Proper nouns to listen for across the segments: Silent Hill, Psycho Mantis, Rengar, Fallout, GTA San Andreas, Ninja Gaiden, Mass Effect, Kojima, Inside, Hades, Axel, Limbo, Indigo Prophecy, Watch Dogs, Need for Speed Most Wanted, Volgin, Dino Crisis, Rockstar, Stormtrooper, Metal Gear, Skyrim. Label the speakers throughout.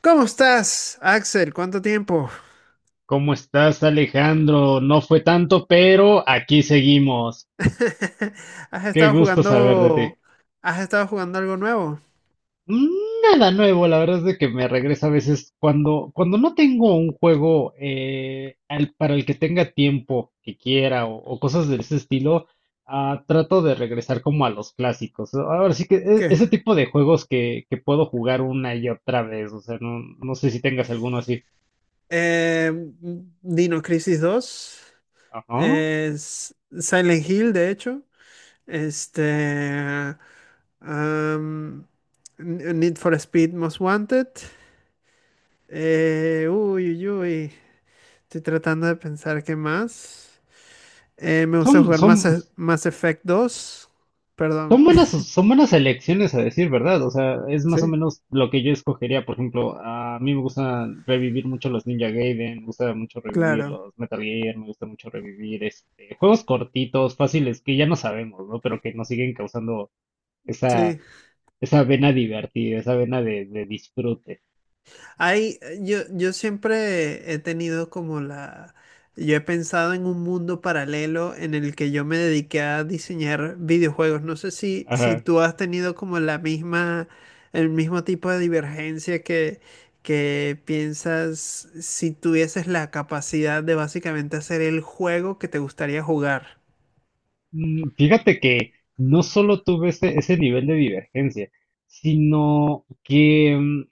Speaker 1: ¿Cómo estás, Axel? ¿Cuánto tiempo?
Speaker 2: ¿Cómo estás, Alejandro? No fue tanto, pero aquí seguimos.
Speaker 1: ¿Has
Speaker 2: Qué
Speaker 1: estado
Speaker 2: gusto saber de ti.
Speaker 1: jugando algo nuevo?
Speaker 2: Mm, Nada nuevo, la verdad es de que me regresa a veces cuando no tengo un juego para el que tenga tiempo que quiera o cosas de ese estilo, trato de regresar como a los clásicos. Ahora sí que
Speaker 1: ¿Qué?
Speaker 2: ese tipo de juegos que puedo jugar una y otra vez, o sea, no, no sé si tengas alguno así.
Speaker 1: Eh, Dino Crisis 2,
Speaker 2: Ajá.
Speaker 1: es Silent Hill, de hecho. este, am, Need for Speed Most Wanted. Uy, uy, uy, estoy tratando de pensar qué más. Me gusta
Speaker 2: Son,
Speaker 1: jugar Mass,
Speaker 2: son,
Speaker 1: E, Mass Effect dos. Perdón.
Speaker 2: Son buenas elecciones a decir verdad, o sea, es más o
Speaker 1: Sí,
Speaker 2: menos lo que yo escogería. Por ejemplo, a mí me gusta revivir mucho los Ninja Gaiden, me gusta mucho revivir
Speaker 1: claro.
Speaker 2: los Metal Gear, me gusta mucho revivir este, juegos cortitos, fáciles, que ya no sabemos, ¿no? Pero que nos siguen causando esa,
Speaker 1: Sí.
Speaker 2: esa vena divertida, esa vena de disfrute.
Speaker 1: Hay, yo siempre he tenido como la, yo he pensado en un mundo paralelo en el que yo me dediqué a diseñar videojuegos. No sé si
Speaker 2: Ajá.
Speaker 1: tú has tenido como la misma, el mismo tipo de divergencia que piensas si tuvieses la capacidad de básicamente hacer el juego que te gustaría jugar.
Speaker 2: Fíjate que no solo tuve ese nivel de divergencia, sino que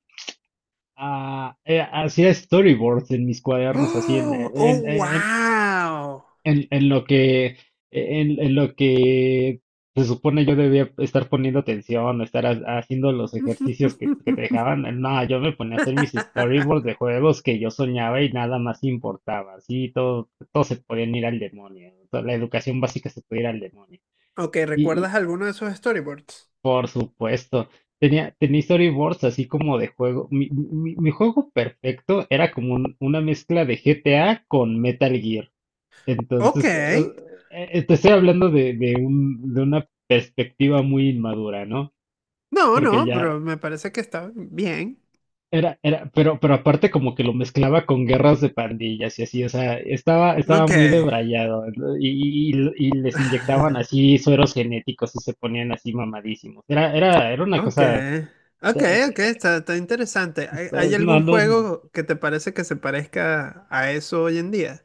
Speaker 2: Hacía storyboards en mis cuadernos, así
Speaker 1: ¡Oh! ¡Oh, wow!
Speaker 2: en lo que, en lo que se supone yo debía estar poniendo atención, estar haciendo los ejercicios que te dejaban. No, yo me ponía a hacer mis storyboards de juegos que yo soñaba y nada más importaba. Así todo, todo se podían ir al demonio. Toda la educación básica se podía ir al demonio.
Speaker 1: Ok, ¿recuerdas alguno de esos storyboards?
Speaker 2: Por supuesto. Tenía storyboards así como de juego. Mi juego perfecto era como una mezcla de GTA con Metal Gear.
Speaker 1: Ok.
Speaker 2: Entonces, te estoy hablando de un, de una perspectiva muy inmadura, ¿no?
Speaker 1: No,
Speaker 2: Porque
Speaker 1: no,
Speaker 2: ya
Speaker 1: pero me parece que está bien.
Speaker 2: pero aparte como que lo mezclaba con guerras de pandillas y así, o sea, estaba
Speaker 1: Ok.
Speaker 2: muy debrayado, ¿no? Y y- les inyectaban así sueros genéticos y se ponían así mamadísimos. Era una
Speaker 1: Ok.
Speaker 2: cosa.
Speaker 1: Ok, ok,
Speaker 2: eh,
Speaker 1: está interesante. ¿Hay
Speaker 2: No,
Speaker 1: algún
Speaker 2: no.
Speaker 1: juego que te parece que se parezca a eso hoy en día?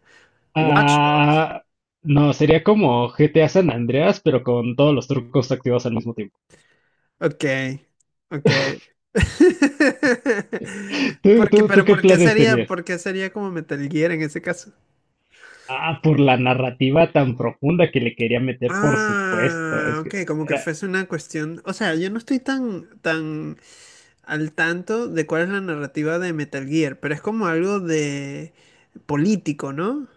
Speaker 1: Watch Dogs.
Speaker 2: ah, no, sería como GTA San Andreas, pero con todos los trucos activados al mismo tiempo.
Speaker 1: Ok, ok.
Speaker 2: ¿Tú,
Speaker 1: Porque,
Speaker 2: tú, Tú,
Speaker 1: pero
Speaker 2: ¿qué
Speaker 1: ¿por qué
Speaker 2: planes
Speaker 1: sería,
Speaker 2: tenías?
Speaker 1: por qué sería como Metal Gear en ese caso?
Speaker 2: Ah, por la narrativa tan profunda que le quería meter, por supuesto.
Speaker 1: Ah, ok, como que
Speaker 2: Era,
Speaker 1: fuese una cuestión. O sea, yo no estoy tan, tan al tanto de cuál es la narrativa de Metal Gear, pero es como algo de político, ¿no?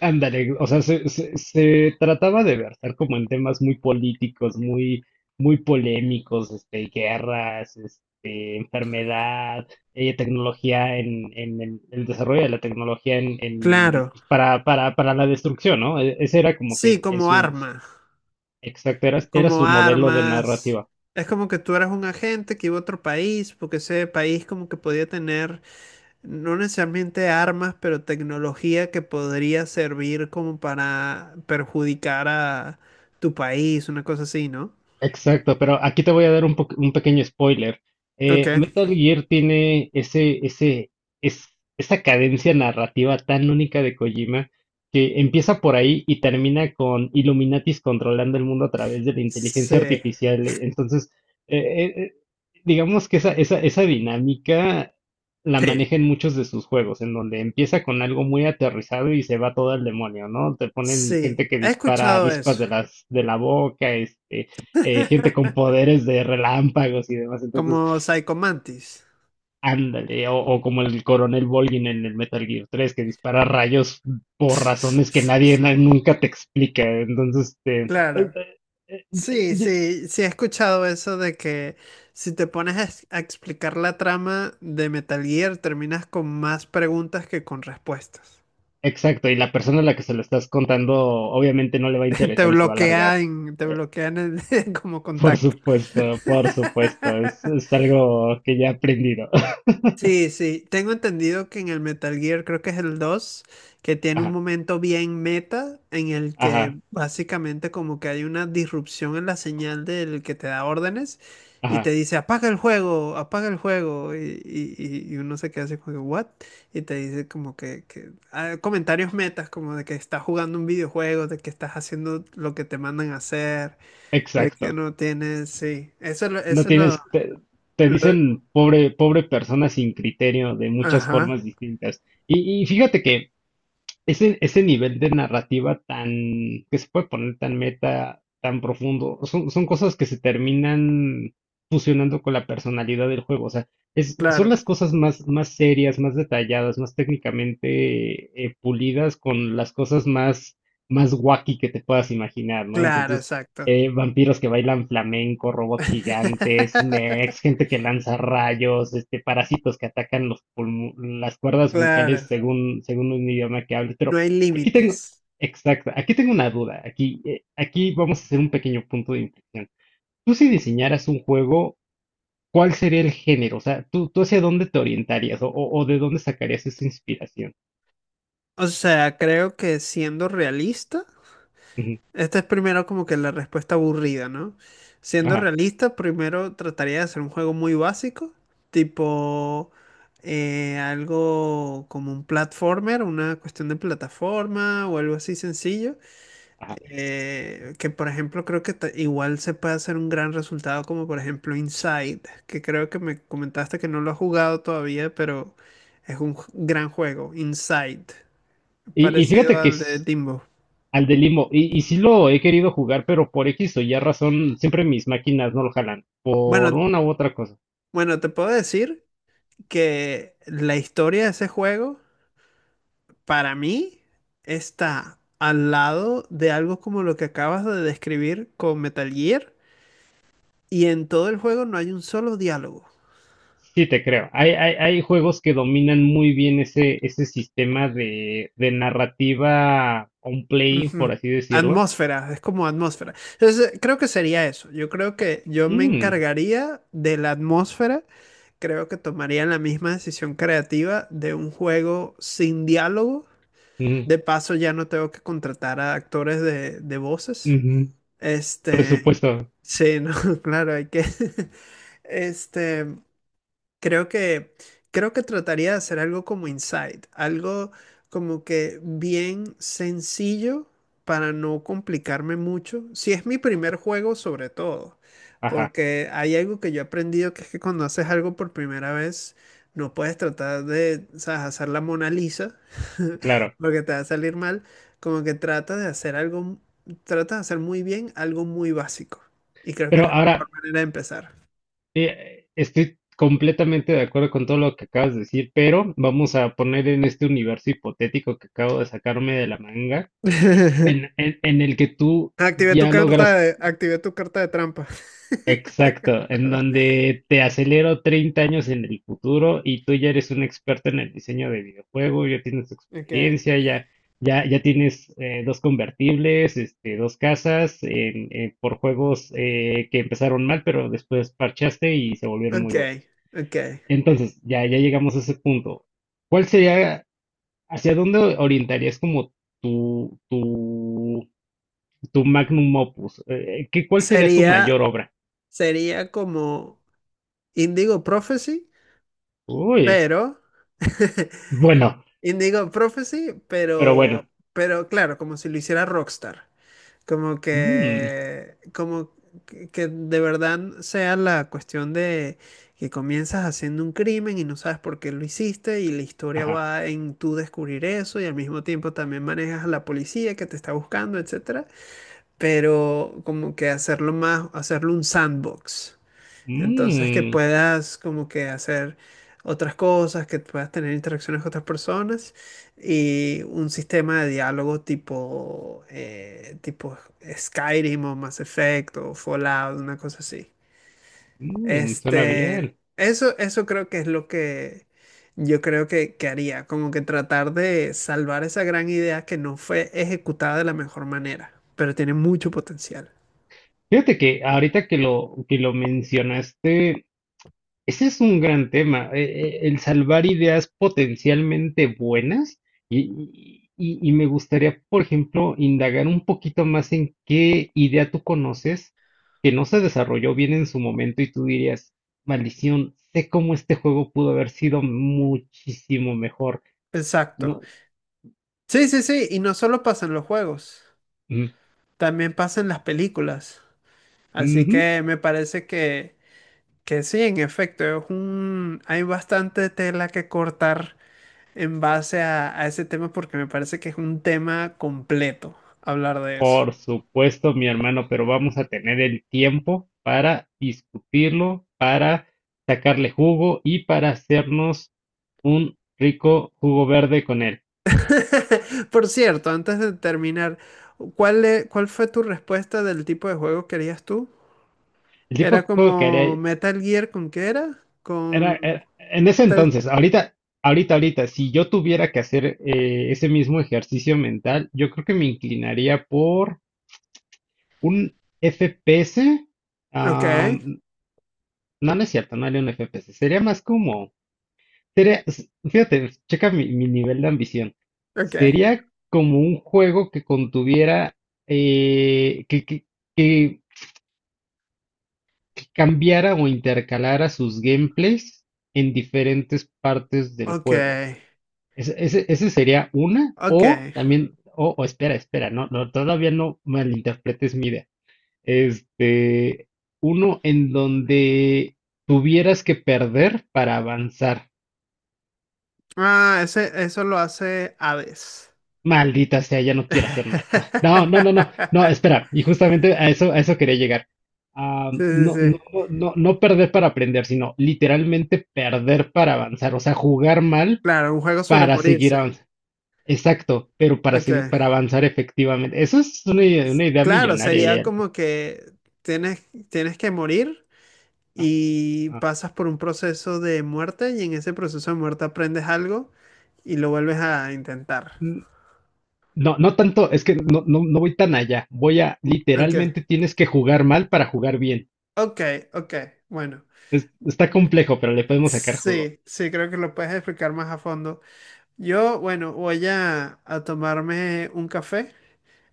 Speaker 2: Ándale, o sea, se trataba de versar como en temas muy políticos, muy polémicos, este, guerras, este, enfermedad, tecnología en el desarrollo de la tecnología
Speaker 1: Claro,
Speaker 2: pues, para la destrucción, ¿no? Ese era como que
Speaker 1: sí, como arma,
Speaker 2: exacto, era
Speaker 1: como
Speaker 2: su modelo de
Speaker 1: armas.
Speaker 2: narrativa.
Speaker 1: Es como que tú eras un agente que iba a otro país, porque ese país como que podía tener no necesariamente armas, pero tecnología que podría servir como para perjudicar a tu país, una cosa así, ¿no?
Speaker 2: Exacto, pero aquí te voy a dar un pequeño spoiler.
Speaker 1: Ok.
Speaker 2: Metal Gear tiene es, esa cadencia narrativa tan única de Kojima que empieza por ahí y termina con Illuminatis controlando el mundo a través de la inteligencia
Speaker 1: Sí.
Speaker 2: artificial. Entonces, eh, eh, eh, digamos que esa dinámica la
Speaker 1: Sí.
Speaker 2: maneja en muchos de sus juegos, en donde empieza con algo muy aterrizado y se va todo al demonio, ¿no? Te ponen
Speaker 1: Sí,
Speaker 2: gente que
Speaker 1: he
Speaker 2: dispara
Speaker 1: escuchado
Speaker 2: avispas
Speaker 1: eso.
Speaker 2: de la boca, este gente con poderes de relámpagos y demás.
Speaker 1: Como
Speaker 2: Entonces,
Speaker 1: Psycho Mantis.
Speaker 2: ándale, como el coronel Volgin en el Metal Gear 3, que dispara rayos por razones que nadie na- nunca te explica. Entonces, te...
Speaker 1: Claro. Sí, sí, sí he escuchado eso de que si te pones a, a explicar la trama de Metal Gear, terminas con más preguntas que con respuestas.
Speaker 2: Exacto, y la persona a la que se lo estás contando obviamente no le va a
Speaker 1: Te
Speaker 2: interesar y se va a largar.
Speaker 1: bloquean, te bloquean el- como contacto.
Speaker 2: Por supuesto, es algo que ya he aprendido.
Speaker 1: Sí, sí, tengo entendido que en el Metal Gear, creo que es el 2 que tiene un
Speaker 2: Ajá,
Speaker 1: momento bien meta en el que
Speaker 2: ajá,
Speaker 1: básicamente como que hay una disrupción en la señal del que te da órdenes y te
Speaker 2: ajá,
Speaker 1: dice apaga el juego y uno se queda así como que, what? Y te dice como que, comentarios metas como de que estás jugando un videojuego, de que estás haciendo lo que te mandan a hacer, de que
Speaker 2: exacto.
Speaker 1: no tienes, sí, eso,
Speaker 2: No tienes, te
Speaker 1: lo-
Speaker 2: dicen pobre, pobre persona sin criterio de muchas
Speaker 1: ajá,
Speaker 2: formas distintas. Y fíjate que ese nivel de narrativa tan, que se puede poner tan meta, tan profundo, son cosas que se terminan fusionando con la personalidad del juego. O sea, son
Speaker 1: claro.
Speaker 2: las cosas más, más serias, más detalladas, más técnicamente pulidas con las cosas más wacky que te puedas imaginar, ¿no?
Speaker 1: Claro,
Speaker 2: Entonces,
Speaker 1: exacto.
Speaker 2: vampiros que bailan flamenco, robots gigantes, mechs, gente que lanza rayos, este, parásitos que atacan las cuerdas bucales
Speaker 1: Claro,
Speaker 2: según, según un idioma que hables.
Speaker 1: no
Speaker 2: Pero
Speaker 1: hay
Speaker 2: aquí tengo,
Speaker 1: límites.
Speaker 2: exacto, aquí tengo una duda. Aquí, aquí vamos a hacer un pequeño punto de inflexión. Tú, si diseñaras un juego, ¿cuál sería el género? O sea, tú hacia dónde te orientarías o de dónde sacarías esa inspiración?
Speaker 1: O sea, creo que siendo realista,
Speaker 2: Ujú,
Speaker 1: esta es primero como que la respuesta aburrida, ¿no? Siendo
Speaker 2: ajá,
Speaker 1: realista, primero trataría de hacer un juego muy básico, tipo algo como un platformer, una cuestión de plataforma o algo así sencillo.
Speaker 2: ajá.
Speaker 1: Que por ejemplo creo que igual se puede hacer un gran resultado como por ejemplo Inside, que creo que me comentaste que no lo has jugado todavía, pero es un gran juego, Inside,
Speaker 2: Y
Speaker 1: parecido
Speaker 2: fíjate que
Speaker 1: al de Limbo.
Speaker 2: al de Limbo. Y y sí lo he querido jugar, pero por X o Y razón, siempre mis máquinas no lo jalan. Por
Speaker 1: Bueno,
Speaker 2: una u otra cosa.
Speaker 1: bueno, te puedo decir que la historia de ese juego para mí está al lado de algo como lo que acabas de describir con Metal Gear y en todo el juego no hay un solo diálogo.
Speaker 2: Sí, te creo. Hay juegos que dominan muy bien ese sistema de narrativa on play,
Speaker 1: Ujú.
Speaker 2: por así decirlo.
Speaker 1: Atmósfera, es como atmósfera. Entonces, creo que sería eso. Yo creo que yo me
Speaker 2: Mm,
Speaker 1: encargaría de la atmósfera. Creo que tomaría la misma decisión creativa de un juego sin diálogo.
Speaker 2: mm,
Speaker 1: De paso, ya no tengo que contratar a actores de voces.
Speaker 2: ujú.
Speaker 1: Este,
Speaker 2: Presupuesto.
Speaker 1: sí, no, claro, hay que. Este, Creo que, creo que trataría de hacer algo como Inside, algo como que bien sencillo para no complicarme mucho. Si es mi primer juego, sobre todo,
Speaker 2: Ajá,
Speaker 1: porque hay algo que yo he aprendido que es que cuando haces algo por primera vez, no puedes tratar de, sabes, hacer la Mona Lisa,
Speaker 2: claro.
Speaker 1: porque te va a salir mal. Como que trata de hacer algo, trata de hacer muy bien algo muy básico. Y creo que
Speaker 2: Pero
Speaker 1: es la
Speaker 2: ahora,
Speaker 1: mejor manera de empezar.
Speaker 2: estoy completamente de acuerdo con todo lo que acabas de decir, pero vamos a poner en este universo hipotético que acabo de sacarme de la manga en el que tú
Speaker 1: Activé tu
Speaker 2: ya
Speaker 1: carta
Speaker 2: logras,
Speaker 1: de, activé tu carta de trampa.
Speaker 2: exacto, en donde te acelero 30 años en el futuro y tú ya eres un experto en el diseño de videojuegos, ya tienes
Speaker 1: Ok.
Speaker 2: experiencia, ya tienes dos convertibles, este, dos casas por juegos que empezaron mal, pero después parchaste y se volvieron
Speaker 1: Ok,
Speaker 2: muy buenos.
Speaker 1: ok.
Speaker 2: Entonces, ya llegamos a ese punto. ¿Cuál sería, hacia dónde orientarías como tu tu magnum opus? Eh, ¿qué, cuál sería tu
Speaker 1: Sería,
Speaker 2: mayor obra?
Speaker 1: sería como Indigo Prophecy,
Speaker 2: Uy,
Speaker 1: pero.
Speaker 2: bueno,
Speaker 1: Indigo Prophecy,
Speaker 2: pero
Speaker 1: pero,
Speaker 2: bueno.
Speaker 1: pero claro, como si lo hiciera Rockstar. Como
Speaker 2: Mm,
Speaker 1: que, como que que de verdad sea la cuestión de que comienzas haciendo un crimen y no sabes por qué lo hiciste y la historia
Speaker 2: ajá.
Speaker 1: va en tú descubrir eso y al mismo tiempo también manejas a la policía que te está buscando, etcétera. Pero como que hacerlo un sandbox. Entonces que
Speaker 2: Mm,
Speaker 1: puedas como que hacer otras cosas, que puedas tener interacciones con otras personas y un sistema de diálogo tipo, tipo Skyrim o Mass Effect o Fallout, una cosa así.
Speaker 2: mm, suena
Speaker 1: Este,
Speaker 2: bien.
Speaker 1: eso, eso creo que es lo que yo creo que haría, como que tratar de salvar esa gran idea que no fue ejecutada de la mejor manera, pero tiene mucho potencial.
Speaker 2: Fíjate que ahorita que que lo mencionaste, ese es un gran tema. El salvar ideas potencialmente buenas y me gustaría, por ejemplo, indagar un poquito más en qué idea tú conoces que no se desarrolló bien en su momento y tú dirías, maldición, sé cómo este juego pudo haber sido muchísimo mejor.
Speaker 1: Exacto.
Speaker 2: No,
Speaker 1: Sí, sí, sí, y no solo pasa en los juegos,
Speaker 2: mm,
Speaker 1: también pasa en las películas. Así
Speaker 2: ujú.
Speaker 1: que me parece que sí, en efecto, hay bastante tela que cortar en base a ese tema porque me parece que es un tema completo hablar de eso.
Speaker 2: Por supuesto, mi hermano, pero vamos a tener el tiempo para discutirlo, para sacarle jugo y para hacernos un rico jugo verde con él.
Speaker 1: Por cierto, antes de terminar, ¿cuál fue tu respuesta del tipo de juego que harías tú?
Speaker 2: El tipo
Speaker 1: ¿Era
Speaker 2: de juego que
Speaker 1: como
Speaker 2: haría
Speaker 1: Metal Gear con qué era? Con...
Speaker 2: en ese
Speaker 1: Metal-
Speaker 2: entonces, ahorita, si yo tuviera que hacer ese mismo ejercicio mental, yo creo que me inclinaría por un FPS.
Speaker 1: Ok,
Speaker 2: ah, no, no es cierto, no haría un FPS, sería más como fíjate, checa mi, mi nivel de ambición.
Speaker 1: ok,
Speaker 2: Sería como un juego que contuviera, eh, que, que, que- que cambiara o intercalara sus gameplays en diferentes partes del
Speaker 1: ok,
Speaker 2: juego. Ese sería una,
Speaker 1: ok.
Speaker 2: o también, o espera, espera, no, no, todavía no malinterpretes mi idea. Este, uno en donde tuvieras que perder para avanzar.
Speaker 1: Ah, eso lo hace Hades.
Speaker 2: Maldita sea, ya no quiero hacer nada. No, no, no, no, no, espera. Y justamente a eso quería llegar. Ah,
Speaker 1: Sí, sí,
Speaker 2: no, no,
Speaker 1: sí.
Speaker 2: no, no, no perder para aprender, sino literalmente perder para avanzar. O sea, jugar mal
Speaker 1: Claro, un juego sobre
Speaker 2: para seguir
Speaker 1: morirse.
Speaker 2: avanzando. Exacto, pero para
Speaker 1: Ok.
Speaker 2: seguir, para avanzar efectivamente. Eso es una idea
Speaker 1: Claro, sería
Speaker 2: millonaria. Ya.
Speaker 1: como que tienes que morir y
Speaker 2: Ajá.
Speaker 1: pasas por un proceso de muerte y en ese proceso de muerte aprendes algo y lo vuelves a intentar.
Speaker 2: Mm, No, no tanto, es que no, no, no voy tan allá.
Speaker 1: Ok,
Speaker 2: Literalmente tienes que jugar mal para jugar bien.
Speaker 1: ok, ok, bueno.
Speaker 2: Está complejo, pero le podemos sacar jugo.
Speaker 1: Sí, sí, creo que lo puedes explicar más a fondo. Yo, bueno, voy a tomarme un café.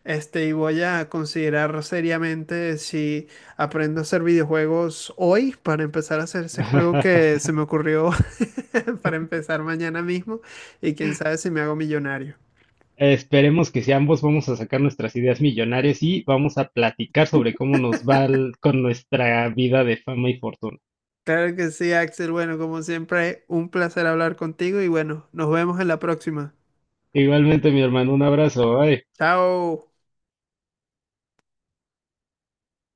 Speaker 1: Y voy a considerar seriamente si aprendo a hacer videojuegos hoy para empezar a hacer ese juego que se me ocurrió para empezar mañana mismo y quién sabe si me hago millonario.
Speaker 2: Esperemos que si ambos vamos a sacar nuestras ideas millonarias y vamos a platicar sobre cómo nos va con nuestra vida de fama y fortuna.
Speaker 1: Claro que sí, Axel. Bueno, como siempre, un placer hablar contigo y bueno, nos vemos en la próxima.
Speaker 2: Igualmente, mi hermano, un abrazo. Bye.
Speaker 1: Chao.